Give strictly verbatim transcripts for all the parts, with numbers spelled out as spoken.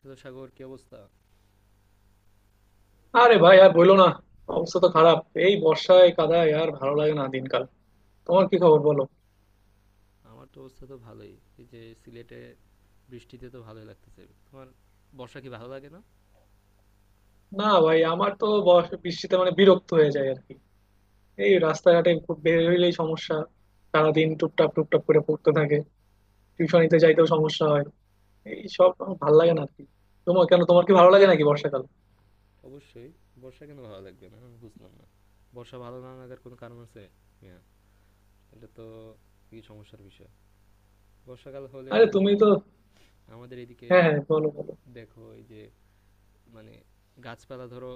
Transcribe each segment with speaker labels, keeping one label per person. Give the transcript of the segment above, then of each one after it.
Speaker 1: তো সাগর কি অবস্থা
Speaker 2: আরে ভাই, আর বইলো না। অবস্থা তো খারাপ। এই বর্ষায় কাদায় আর ভালো লাগে না দিনকাল। তোমার কি খবর বলো?
Speaker 1: আমার তো অবস্থা তো ভালোই। এই যে সিলেটে বৃষ্টিতে তো ভালোই লাগতেছে। তোমার বর্ষা কি ভালো লাগে না?
Speaker 2: না ভাই, আমার তো বর্ষ- বৃষ্টিতে মানে বিরক্ত হয়ে যায় আর কি। এই রাস্তাঘাটে খুব বের হইলেই সমস্যা। সারাদিন টুপটাপ টুপটাপ করে পড়তে থাকে। টিউশনিতে যাইতেও সমস্যা হয়। এই সব আমার ভালো লাগে না আর কি। তোমার কেন, তোমার কি ভালো লাগে নাকি বর্ষাকাল?
Speaker 1: অবশ্যই। বর্ষা কেন ভালো লাগবে না আমি বুঝলাম না। বর্ষা ভালো না লাগার কোনো কারণ আছে? হ্যাঁ, এটা তো কি সমস্যার বিষয়। বর্ষাকাল হলে
Speaker 2: আরে
Speaker 1: দেখো
Speaker 2: তুমি তো।
Speaker 1: আমার, আমাদের এদিকে
Speaker 2: হ্যাঁ হ্যাঁ, বলো বলো।
Speaker 1: দেখো এই যে, মানে গাছপালা ধরো,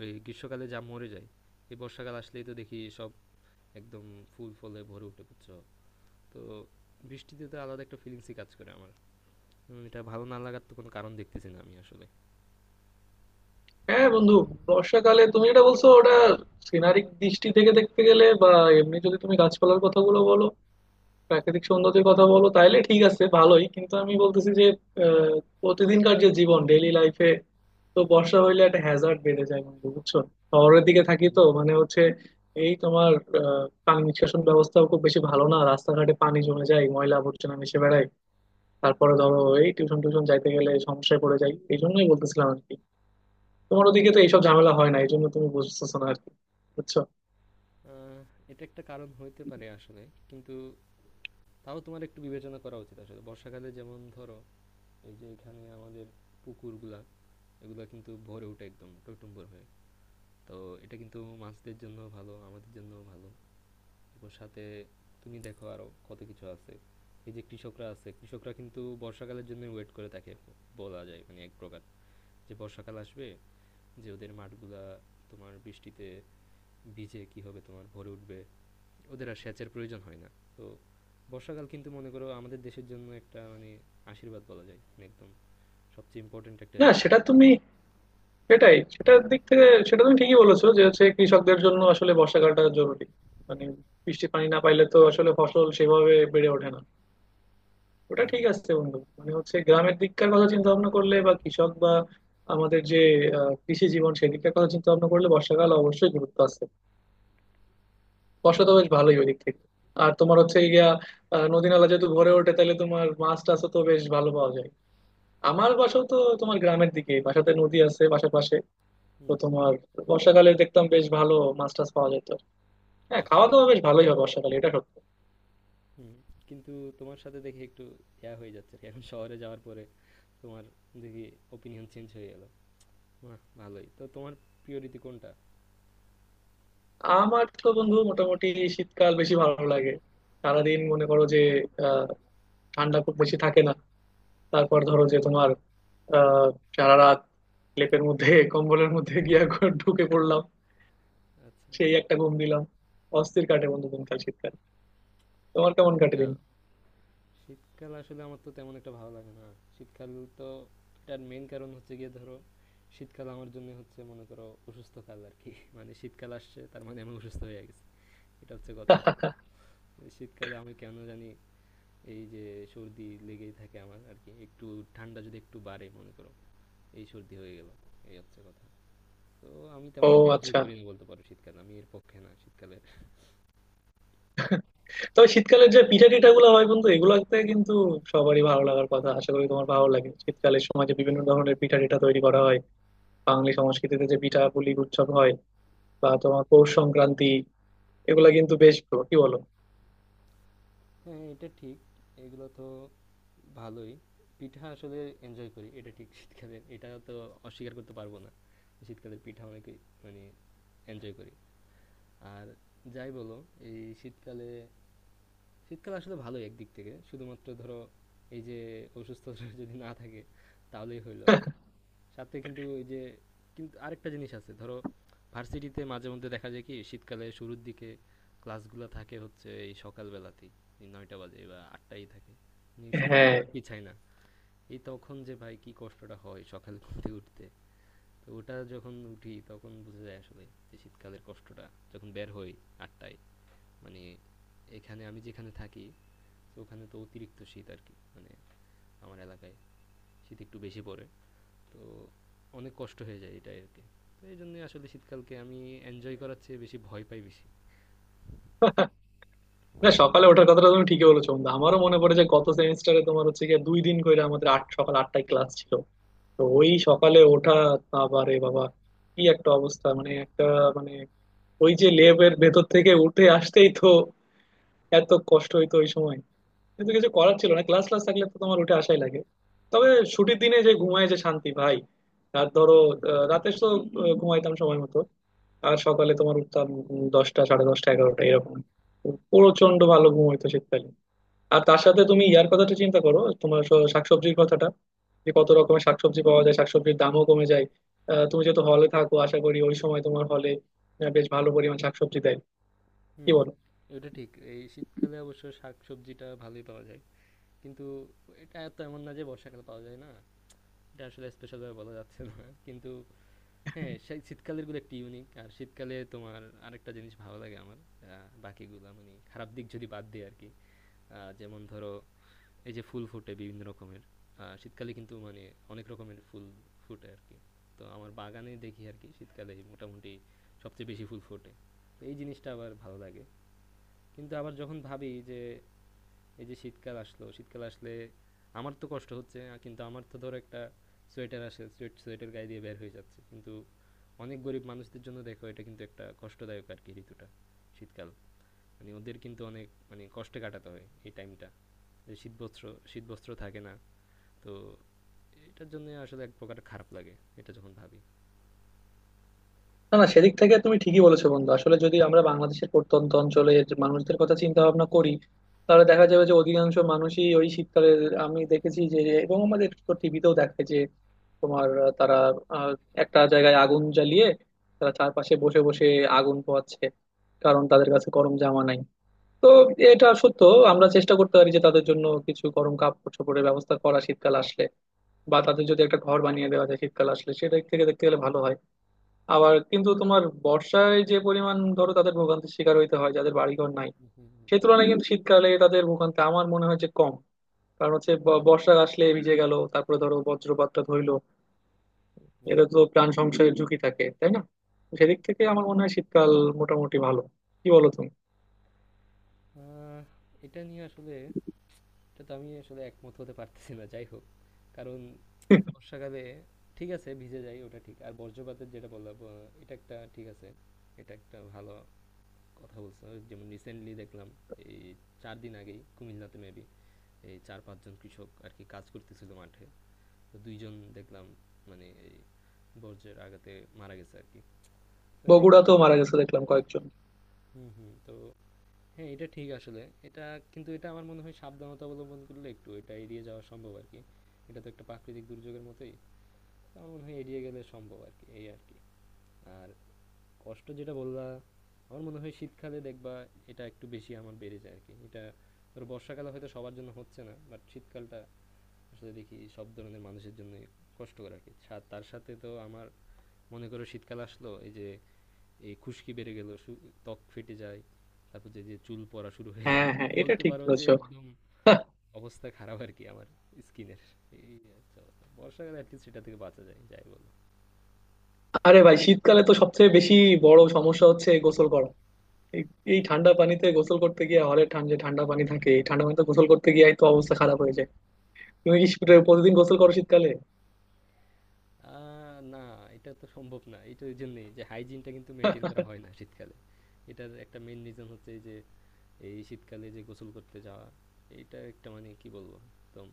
Speaker 1: ওই গ্রীষ্মকালে যা মরে যায়, এই বর্ষাকাল আসলেই তো দেখি সব একদম ফুল ফলে ভরে উঠে, বুঝছো? তো বৃষ্টিতে তো আলাদা একটা ফিলিংসই কাজ করে আমার। উম, এটা ভালো না লাগার তো কোনো কারণ দেখতেছি না আমি আসলে।
Speaker 2: হ্যাঁ বন্ধু, বর্ষাকালে তুমি যেটা বলছো ওটা সিনারিক দৃষ্টি থেকে দেখতে গেলে, বা এমনি যদি তুমি গাছপালার কথাগুলো বলো, প্রাকৃতিক সৌন্দর্যের কথা বলো, তাইলে ঠিক আছে ভালোই। কিন্তু আমি বলতেছি যে আহ, প্রতিদিনকার যে জীবন, ডেইলি লাইফে, তো বর্ষা হইলে একটা হ্যাজার্ড বেড়ে যায় বন্ধু, বুঝছো? শহরের দিকে থাকি
Speaker 1: হুম
Speaker 2: তো,
Speaker 1: হুম।
Speaker 2: মানে হচ্ছে, এই তোমার আহ, পানি নিষ্কাশন ব্যবস্থাও খুব বেশি ভালো না, রাস্তাঘাটে পানি জমে যায়, ময়লা আবর্জনা মিশে বেড়ায়। তারপরে ধরো এই টিউশন টিউশন যাইতে গেলে সমস্যায় পড়ে যাই, এই জন্যই বলতেছিলাম আর কি। তোমার ওদিকে তো এইসব ঝামেলা হয় না, এই জন্য তুমি বুঝতেছো না আর কি। বুঝছো?
Speaker 1: আহ, এটা একটা কারণ হইতে পারে আসলে, কিন্তু তাও তোমার একটু বিবেচনা করা উচিত। আসলে বর্ষাকালে যেমন ধরো এই যে এখানে আমাদের পুকুরগুলা, এগুলা কিন্তু ভরে ওঠে একদম টইটুম্বর হয়ে। তো এটা কিন্তু মাছদের জন্য ভালো, আমাদের জন্য ভালো। এবং সাথে তুমি দেখো আরো কত কিছু আছে, এই যে কৃষকরা আছে, কৃষকরা কিন্তু বর্ষাকালের জন্য ওয়েট করে থাকে, বলা যায় মানে এক প্রকার, যে বর্ষাকাল আসবে, যে ওদের মাঠগুলা তোমার বৃষ্টিতে বীজে কি হবে তোমার ভরে উঠবে, ওদের আর সেচের প্রয়োজন হয় না। তো বর্ষাকাল কিন্তু মনে করো আমাদের দেশের জন্য একটা মানে আশীর্বাদ বলা যায়, মানে একদম সবচেয়ে ইম্পর্ট্যান্ট একটা
Speaker 2: না,
Speaker 1: ঋতু।
Speaker 2: সেটা তুমি, সেটাই, সেটার দিক থেকে সেটা তুমি ঠিকই বলেছো যে হচ্ছে কৃষকদের জন্য আসলে বর্ষাকালটা জরুরি। মানে, বৃষ্টির পানি না পাইলে তো আসলে ফসল সেভাবে বেড়ে ওঠে না। ওটা
Speaker 1: হুম
Speaker 2: ঠিক
Speaker 1: হুম।
Speaker 2: আছে বন্ধু, মানে হচ্ছে গ্রামের দিককার কথা চিন্তা ভাবনা করলে বা কৃষক বা আমাদের যে আহ, কৃষি জীবন, সেদিককার কথা চিন্তা ভাবনা করলে বর্ষাকাল অবশ্যই গুরুত্ব আছে। বর্ষা
Speaker 1: হুম
Speaker 2: তো বেশ ভালোই ওই দিক থেকে। আর তোমার হচ্ছে গিয়া আহ, নদী নালা যেহেতু ভরে ওঠে, তাহলে তোমার মাছ টাছও তো বেশ ভালো পাওয়া যায়। আমার বাসাও তো, তোমার গ্রামের দিকে বাসাতে নদী আছে পাশাপাশি। তো
Speaker 1: হুম। হুম,
Speaker 2: তোমার বর্ষাকালে দেখতাম বেশ ভালো মাছ টাছ পাওয়া যেত। হ্যাঁ, খাওয়া
Speaker 1: আচ্ছা।
Speaker 2: দাওয়া বেশ ভালোই হয় বর্ষাকালে, এটা সত্য।
Speaker 1: হুম। কিন্তু তোমার সাথে দেখি একটু ইয়া হয়ে যাচ্ছে আর কি। এখন শহরে যাওয়ার পরে তোমার দেখি ওপিনিয়ন চেঞ্জ হয়ে গেল। বাহ, ভালোই তো। তোমার প্রিয় ঋতু কোনটা?
Speaker 2: আমার তো বন্ধু মোটামুটি শীতকাল বেশি ভালো লাগে। সারাদিন মনে করো যে আহ ঠান্ডা খুব বেশি থাকে না। তারপর ধরো যে তোমার আহ সারা রাত লেপের মধ্যে কম্বলের মধ্যে গিয়া ঘ- ঢুকে পড়লাম,
Speaker 1: আচ্ছা
Speaker 2: সেই
Speaker 1: আচ্ছা।
Speaker 2: একটা ঘুম দিলাম। অস্থির কাটে বন্ধু দিনকাল, শীতকাল। তোমার কেমন কাটে দিন?
Speaker 1: শীতকাল? শীতকাল আসলে আমার তো তেমন একটা ভালো লাগে না শীতকাল। তো এটার মেইন কারণ হচ্ছে গিয়ে ধরো, শীতকাল আমার জন্য হচ্ছে মনে করো অসুস্থকাল আর কি। মানে শীতকাল আসছে তার মানে আমি অসুস্থ হয়ে গেছি, এটা হচ্ছে কথা। এই শীতকালে আমি কেন জানি, এই যে সর্দি লেগেই থাকে আমার আর কি। একটু ঠান্ডা যদি একটু বাড়ে মনে করো, এই সর্দি হয়ে গেল, এই হচ্ছে কথা। তো আমি
Speaker 2: ও,
Speaker 1: তেমন একটা এনজয়
Speaker 2: আচ্ছা।
Speaker 1: করি না, বলতে পারো শীতকাল আমি এর পক্ষে না, শীতকালে।
Speaker 2: তবে শীতকালের যে পিঠা টিঠা গুলো হয় বন্ধু, এগুলোতে কিন্তু সবারই ভালো লাগার কথা। আশা করি তোমার ভালো লাগে শীতকালের সময় যে বিভিন্ন ধরনের পিঠা টিঠা তৈরি করা হয়, বাঙালি সংস্কৃতিতে যে পিঠা পুলি উৎসব হয় বা তোমার পৌষ সংক্রান্তি, এগুলা কিন্তু বেশ ভালো। কি বলো?
Speaker 1: হ্যাঁ, এটা ঠিক। এগুলো তো ভালোই। পিঠা আসলে এনজয় করি। এটা ঠিক শীতকালে, এটা তো অস্বীকার করতে পারব না। শীতকালের পিঠা অনেকেই মানে এনজয় করি। আর যাই বলো, এই শীতকালে, শীতকাল আসলে ভালোই একদিক থেকে। শুধুমাত্র ধরো এই যে অসুস্থ যদি না থাকে তাহলেই হইল আরকি। সাথে কিন্তু ওই যে কিন্তু আরেকটা জিনিস আছে ধরো, ভার্সিটিতে মাঝে মধ্যে দেখা যায় কি শীতকালে শুরুর দিকে ক্লাসগুলো থাকে হচ্ছে এই সকালবেলাতেই, এই নয়টা বাজে বা আটটাই থাকে, মানে শুরুতে
Speaker 2: হ্যাঁ।
Speaker 1: তো আর পিছায় না। এই তখন যে ভাই কি কষ্টটা হয় সকালে ঘুম থেকে উঠতে, তো ওটা যখন উঠি তখন বোঝা যায় আসলে যে শীতকালের কষ্টটা। যখন বের হই আটটায়, মানে এখানে আমি যেখানে থাকি, তো ওখানে তো অতিরিক্ত শীত আর কি। মানে আমার এলাকায় শীত একটু বেশি পড়ে। তো অনেক কষ্ট হয়ে যায় এটাই আরকি। তো এইজন্যই আসলে শীতকালকে আমি এনজয় করার চেয়ে বেশি ভয় পাই বেশি।
Speaker 2: না, সকালে ওঠার কথাটা তুমি ঠিকই বলেছো বন্ধু। আমারও মনে পড়ে যে গত সেমিস্টারে তোমার হচ্ছে গিয়ে দুই দিন করে আমাদের আট সকাল আটটায় ক্লাস ছিল। তো ওই সকালে
Speaker 1: আচ্ছা।
Speaker 2: ওঠা, বাবারে বাবা, কি একটা অবস্থা, মানে একটা, মানে ওই যে লেবের ভেতর থেকে উঠে আসতেই তো এত কষ্ট হইতো ওই সময়। কিন্তু কিছু করার ছিল না, ক্লাস ক্লাস থাকলে তো তোমার উঠে আসাই লাগে। তবে ছুটির দিনে যে ঘুমায়, যে শান্তি ভাই! আর ধরো
Speaker 1: হুম, হুম,
Speaker 2: আহ,
Speaker 1: হুম।
Speaker 2: রাতে তো আহ, ঘুমাইতাম সময় মতো, আর সকালে তোমার উঠতাম উম, দশটা, সাড়ে দশটা, এগারোটা এরকম। প্রচন্ড ভালো ঘুম হইতো শীতকালে। আর তার সাথে তুমি ইয়ার কথাটা চিন্তা করো, তোমার স- শাকসবজির কথাটা, যে কত
Speaker 1: হুম, হুম,
Speaker 2: রকমের শাকসবজি পাওয়া যায়, শাকসবজির দামও কমে যায়। আহ,
Speaker 1: হুম,
Speaker 2: তুমি
Speaker 1: হুম।
Speaker 2: যেহেতু হলে থাকো, আশা করি ওই সময় তোমার হলে বেশ ভালো পরিমাণ শাকসবজি দেয়।
Speaker 1: হুম,
Speaker 2: কি
Speaker 1: হুম।
Speaker 2: বলো?
Speaker 1: এটা ঠিক, এই শীতকালে অবশ্য শাকসবজিটা ভালোই পাওয়া যায়। কিন্তু এটা এত এমন না যে বর্ষাকালে পাওয়া যায় না। এটা আসলে স্পেশাল ভাবে বলা যাচ্ছে না। কিন্তু হ্যাঁ, সেই শীতকালের গুলো একটু ইউনিক। আর শীতকালে তোমার আরেকটা জিনিস ভালো লাগে আমার। আ বাকিগুলা মানে খারাপ দিক যদি বাদ দেই আরকি। আ যেমন ধরো এই যে ফুল ফোটে বিভিন্ন রকমের। আহ, শীতকালে কিন্তু মানে অনেক রকমের ফুল ফোটে আর কি। তো আমার বাগানে দেখি আর কি শীতকালে মোটামুটি সবচেয়ে বেশি ফুল ফোটে। তো এই জিনিসটা আবার ভালো লাগে। কিন্তু আবার যখন ভাবি যে এই যে শীতকাল আসলো, শীতকাল আসলে আমার তো কষ্ট হচ্ছে, আহ, কিন্তু আমার তো ধরো একটা সোয়েটার আসে সোয়েট সোয়েটার গায়ে দিয়ে বের হয়ে যাচ্ছে, কিন্তু অনেক গরিব মানুষদের জন্য দেখো এটা কিন্তু একটা কষ্টদায়ক আর কি ঋতুটা, শীতকাল। মানে ওদের কিন্তু অনেক মানে কষ্টে কাটাতে হয় এই টাইমটা, যে শীতবস্ত্র, শীতবস্ত্র থাকে না। তো এটার জন্য আসলে এক প্রকার খারাপ লাগে এটা যখন ভাবি।
Speaker 2: না না, সেদিক থেকে তুমি ঠিকই বলেছো বন্ধু। আসলে যদি আমরা বাংলাদেশের প্রত্যন্ত অঞ্চলের যে মানুষদের কথা চিন্তা ভাবনা করি, তাহলে দেখা যাবে যে অধিকাংশ মানুষই ওই শীতকালে, আমি দেখেছি যে, এবং আমাদের তো টিভিতেও দেখায় যে তোমার আহ, তারা আহ, একটা জায়গায় আগুন জ্বালিয়ে তারা চারপাশে বসে বসে আগুন পোহাচ্ছে, কারণ তাদের কাছে গরম জামা নাই। তো এটা সত্য। আমরা চেষ্টা করতে পারি যে তাদের জন্য কিছু গরম কাপড় চোপড়ের ব্যবস্থা করা শীতকাল আসলে, বা তাদের যদি একটা ঘর বানিয়ে দেওয়া যায় শীতকাল আসলে, সেটা থেকে দেখতে গেলে ভালো হয়। আবার কিন্তু তোমার বর্ষায় যে পরিমাণ ধরো তাদের ভোগান্তির শিকার হইতে হয় যাদের বাড়িঘর নাই,
Speaker 1: হুম হুম হুম,
Speaker 2: সে তুলনায় কিন্তু শীতকালে তাদের ভোগান্তি আমার মনে হয় যে কম। কারণ হচ্ছে
Speaker 1: আচ্ছা,
Speaker 2: ব- বর্ষা আসলে ভিজে গেল, তারপরে ধরো বজ্রপাতটা ধইলো,
Speaker 1: হুম
Speaker 2: এটা
Speaker 1: হুম।
Speaker 2: তো প্রাণ সংশয়ের ঝুঁকি থাকে, তাই না? তো সেদিক থেকে আমার মনে হয় শীতকাল মোটামুটি ভালো। কি বলো তুমি?
Speaker 1: আহ, এটা নিয়ে আসলে এটা তো আমি আসলে একমত হতে পারতেছি না যাই হোক, কারণ বর্ষাকালে ঠিক আছে ভিজে যায় ওটা ঠিক, আর বজ্রপাতের যেটা বললাম আহ, এটা একটা ঠিক আছে, এটা একটা ভালো কথা বলছো। যেমন রিসেন্টলি দেখলাম, এই চার দিন আগেই কুমিল্লাতে মেবি এই চার পাঁচজন কৃষক আর কি কাজ করতেছিল মাঠে, তো দুইজন দেখলাম মানে এই বজ্রের আঘাতে মারা গেছে আর কি। তো এটা একটা
Speaker 2: বগুড়াতেও
Speaker 1: খারাপ।
Speaker 2: মারা গেছে দেখলাম কয়েকজন।
Speaker 1: হুম হুম। তো হ্যাঁ, এটা ঠিক আসলে এটা, কিন্তু এটা আমার মনে হয় সাবধানতা অবলম্বন করলে একটু এটা এড়িয়ে যাওয়া সম্ভব আর কি। এটা তো একটা প্রাকৃতিক দুর্যোগের মতোই। তো আমার মনে হয় এড়িয়ে গেলে সম্ভব আর কি এই আর কি। আর কষ্ট যেটা বললা, আমার মনে হয় শীতকালে দেখবা এটা একটু বেশি আমার বেড়ে যায় আর কি এটা। ধরো বর্ষাকালে হয়তো সবার জন্য হচ্ছে না, বাট শীতকালটা আসলে দেখি সব ধরনের মানুষের জন্য কষ্টকর আর কি। সা- তার সাথে তো আমার, মনে করো শীতকাল আসলো এই যে এই খুশকি বেড়ে গেল, সু ত্বক ফেটে যায়। তারপর যে, যে চুল পড়া শুরু হয়ে যায়,
Speaker 2: হ্যাঁ
Speaker 1: মানে
Speaker 2: হ্যাঁ, এটা
Speaker 1: বলতে
Speaker 2: ঠিক
Speaker 1: পারো যে
Speaker 2: বলেছো।
Speaker 1: একদম অবস্থা খারাপ আরকি আমার স্কিনের। এই হচ্ছে অবস্থা। বর্ষাকালে এটলিস্ট এটা থেকে বাঁচা যায়, যাই বলো।
Speaker 2: আরে ভাই, শীতকালে তো সবচেয়ে বেশি বড় সমস্যা হচ্ছে গোসল করা। এই, এই ঠান্ডা পানিতে গোসল করতে গিয়ে, হলে ঠান্ডা, যে ঠান্ডা পানি থাকে, এই ঠান্ডা পানিতে গোসল করতে গিয়ে তো অবস্থা খারাপ হয়ে যায়। তুমি কি শীত- প্রতিদিন গোসল করো শীতকালে?
Speaker 1: আ না, এটা তো সম্ভব না। এটা এইজন্যেই যে হাইজিনটা কিন্তু মেইনটেইন করা হয় না শীতকালে। এটার একটা মেইন রিজন হচ্ছে এই যে এই শীতকালে যে গোসল করতে যাওয়া, এইটা একটা মানে কি বলবো একদম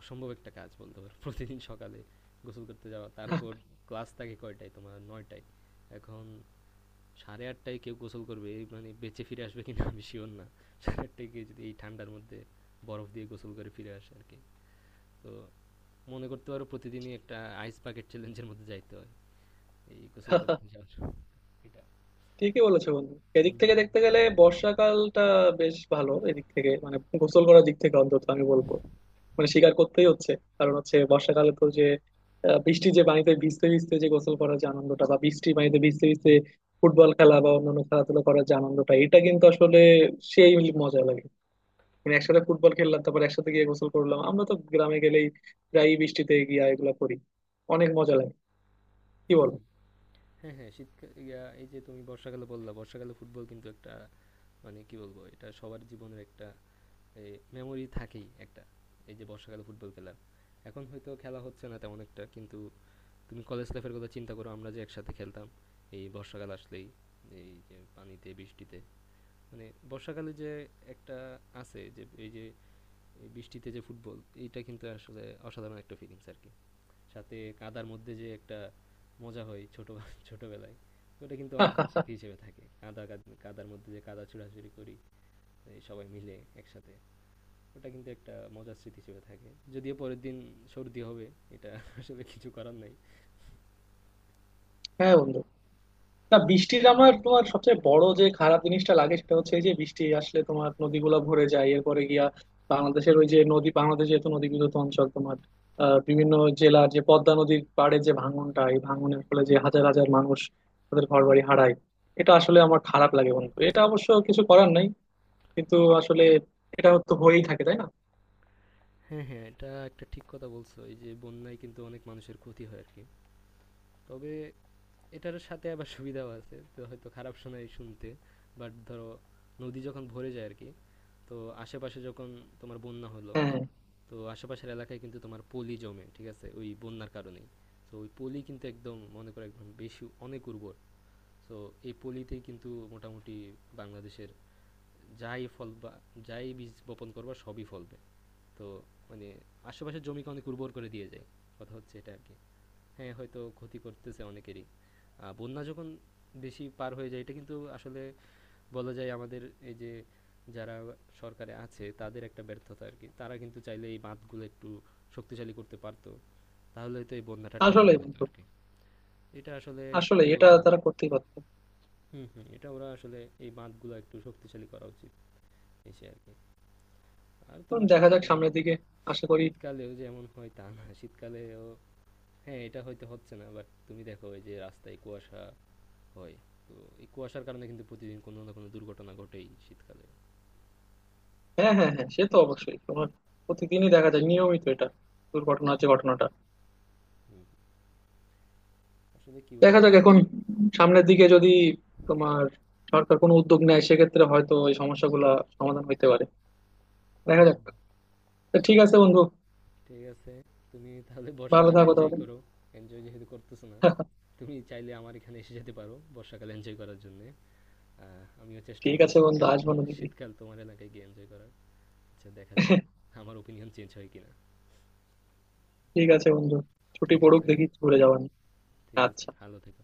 Speaker 1: অসম্ভব একটা কাজ বলতে পারো। প্রতিদিন সকালে গোসল করতে যাওয়া, তার উপর ক্লাস থাকে কয়টায়? তোমার নয় টায়। এখন সাড়ে আটটায় কেউ গোসল করবে এই মানে বেঁচে ফিরে আসবে কিনা আমি শিওর না। সাড়ে আটটায় কেউ যদি এই ঠান্ডার মধ্যে বরফ দিয়ে গোসল করে ফিরে আসে আর কি। তো মনে করতে পারো প্রতিদিনই একটা আইস বাকেট চ্যালেঞ্জের মধ্যে যাইতে হয় এই গোসল করতে যাওয়ার জন্য। এটা।
Speaker 2: ঠিকই বলেছো বন্ধু। এদিক থেকে দেখতে গেলে বর্ষাকালটা বেশ ভালো এদিক থেকে, মানে গোসল করার দিক থেকে, অন্তত আমি বলবো। মানে স্বীকার করতেই হচ্ছে। কারণ হচ্ছে বর্ষাকালে তো যে আহ, বৃষ্টির যে পানিতে ভিজতে ভিজতে যে গোসল করার যে আনন্দটা, বা বৃষ্টির পানিতে ভিজতে ভিজতে ফুটবল খেলা বা অন্যান্য খেলাধুলা করার যে আনন্দটা, এটা কিন্তু আসলে সেই মজা লাগে। মানে একসাথে ফুটবল খেললাম, তারপর একসাথে গিয়ে গোসল করলাম, আমরা তো গ্রামে গেলেই প্রায়ই বৃষ্টিতে গিয়া এগুলা করি। অনেক মজা লাগে। কি
Speaker 1: হুম
Speaker 2: বল?
Speaker 1: হুম। হ্যাঁ হ্যাঁ। শীতকাল ইয়া, এই যে তুমি বর্ষাকালে বললা, বর্ষাকালে ফুটবল কিন্তু একটা, মানে কি বলবো এটা সবার জীবনের একটা মেমোরি থাকেই একটা, এই যে বর্ষাকালে ফুটবল খেলা। এখন হয়তো খেলা হচ্ছে না তেমন একটা, কিন্তু তুমি কলেজ লাইফের কথা চিন্তা করো, আমরা যে একসাথে খেলতাম এই বর্ষাকাল আসলেই, এই যে পানিতে বৃষ্টিতে, মানে বর্ষাকালে যে একটা আছে যে এই যে এই বৃষ্টিতে যে ফুটবল, এইটা কিন্তু আসলে অসাধারণ একটা ফিলিংস আর কি। সাথে কাদার মধ্যে যে একটা মজা হয় ছোট ছোটবেলায়, ওটা কিন্তু অনেক দিন স্মৃতি হিসেবে থাকে। কাদা কাদ- কাদার মধ্যে যে কাদা ছোড়াছুড়ি করি এই সবাই মিলে একসাথে, ওটা কিন্তু একটা মজার স্মৃতি হিসেবে থাকে। যদিও পরের দিন সর্দি হবে, এটা আসলে কিছু করার নাই।
Speaker 2: হ্যাঁ বন্ধু। না, বৃষ্টির আমার তোমার সবচেয়ে বড় যে খারাপ জিনিসটা লাগে সেটা হচ্ছে এই যে বৃষ্টি আসলে তোমার নদীগুলা ভরে যায়, এরপরে গিয়া বাংলাদেশের ওই যে নদী, বাংলাদেশ যেহেতু নদী বিদ্যুৎ অঞ্চল, তোমার আহ, বিভিন্ন জেলার যে পদ্মা নদীর পাড়ে যে ভাঙনটা, এই ভাঙনের ফলে যে হাজার হাজার মানুষ তাদের ঘর বাড়ি হারায়, এটা আসলে আমার খারাপ লাগে বন্ধু। এটা অবশ্য কিছু করার নাই, কিন্তু আসলে এটা তো হয়েই থাকে, তাই না?
Speaker 1: হ্যাঁ, হ্যাঁ। এটা একটা ঠিক কথা বলছো। এই যে বন্যায় কিন্তু অনেক মানুষের ক্ষতি হয় আরকি। তবে এটার সাথে আবার সুবিধাও আছে। তো হয়তো খারাপ শোনায় শুনতে। বাট ধরো নদী যখন ভরে যায় আরকি, তো আশেপাশে যখন তোমার বন্যা হলো,
Speaker 2: হ্যাঁ,
Speaker 1: তো আশেপাশের এলাকায় কিন্তু তোমার পলি জমে, ঠিক আছে? ওই বন্যার কারণেই। তো ওই পলি কিন্তু একদম মনে করো একদম বেশি অনেক উর্বর। তো এই পলিতেই কিন্তু মোটামুটি বাংলাদেশের যাই ফল বা যাই বীজ বপন করবা সবই ফলবে। তো মানে আশেপাশের জমিকে অনেক উর্বর করে দিয়ে যায়, কথা হচ্ছে এটা আর কি। হ্যাঁ হয়তো ক্ষতি করতেছে অনেকেরই, আহ, বন্যা যখন বেশি পার হয়ে যায়, এটা কিন্তু আসলে বলা যায় আমাদের এই যে যারা সরকারে আছে তাদের একটা ব্যর্থতা আর কি। তারা কিন্তু চাইলে এই বাঁধগুলো একটু শক্তিশালী করতে পারতো, তাহলে তো এই বন্যাটা ঠেকানো
Speaker 2: আসলেই
Speaker 1: যেত
Speaker 2: বন্ধু,
Speaker 1: আর কি। এটা আসলে
Speaker 2: আসলে
Speaker 1: কি
Speaker 2: এটা
Speaker 1: বলবো।
Speaker 2: তারা করতেই পারতো।
Speaker 1: হুম হুম। এটা ওরা আসলে এই বাঁধগুলো একটু শক্তিশালী করা উচিত এসে আর কি। আর
Speaker 2: এখন
Speaker 1: তোমার শীত,
Speaker 2: দেখা যাক সামনের দিকে, আশা করি।
Speaker 1: শীতকালেও যেমন হয় তা না, শীতকালেও হ্যাঁ, এটা হয়তো হচ্ছে না, বাট তুমি দেখো এই যে রাস্তায় কুয়াশা হয়, তো এই কুয়াশার কারণে কিন্তু প্রতিদিন কোনো না কোনো দুর্ঘটনা ঘটেই শীতকালে।
Speaker 2: হ্যাঁ হ্যাঁ হ্যাঁ, সে তো অবশ্যই তোমার প্রতিদিনই দেখা যায় নিয়মিত এটা, দুর্ঘটনার যে ঘটনাটা।
Speaker 1: হুম, আসলে কি
Speaker 2: দেখা
Speaker 1: বলবো।
Speaker 2: যাক এখন, সামনের দিকে যদি তোমার সরকার কোনো উদ্যোগ নেয়, সেক্ষেত্রে হয়তো এই সমস্যাগুলা সমাধান হইতে পারে। দেখা
Speaker 1: হুম,
Speaker 2: যাক।
Speaker 1: হুম।
Speaker 2: তো ঠিক আছে বন্ধু,
Speaker 1: ঠিক আছে, তুমি তাহলে
Speaker 2: ভালো
Speaker 1: বর্ষাকাল
Speaker 2: থাকো
Speaker 1: এনজয়
Speaker 2: তাহলে।
Speaker 1: করো, এনজয় যেহেতু করতেছো না। তুমি চাইলে আমার এখানে এসে যেতে পারো বর্ষাকাল এনজয় করার জন্য, আমিও চেষ্টা
Speaker 2: ঠিক
Speaker 1: করবো
Speaker 2: আছে বন্ধু,
Speaker 1: শীতকাল,
Speaker 2: আসবো না দেখি।
Speaker 1: শীতকাল তোমার এলাকায় গিয়ে এনজয় করার। আচ্ছা, দেখা যাক আমার ওপিনিয়ন চেঞ্জ হয় কিনা।
Speaker 2: ঠিক আছে বন্ধু, ছুটি
Speaker 1: ঠিক
Speaker 2: পড়ুক,
Speaker 1: আছে,
Speaker 2: দেখি ঘুরে যাওয়া নিয়ে।
Speaker 1: ঠিক আছে,
Speaker 2: আচ্ছা।
Speaker 1: ভালো থেকো।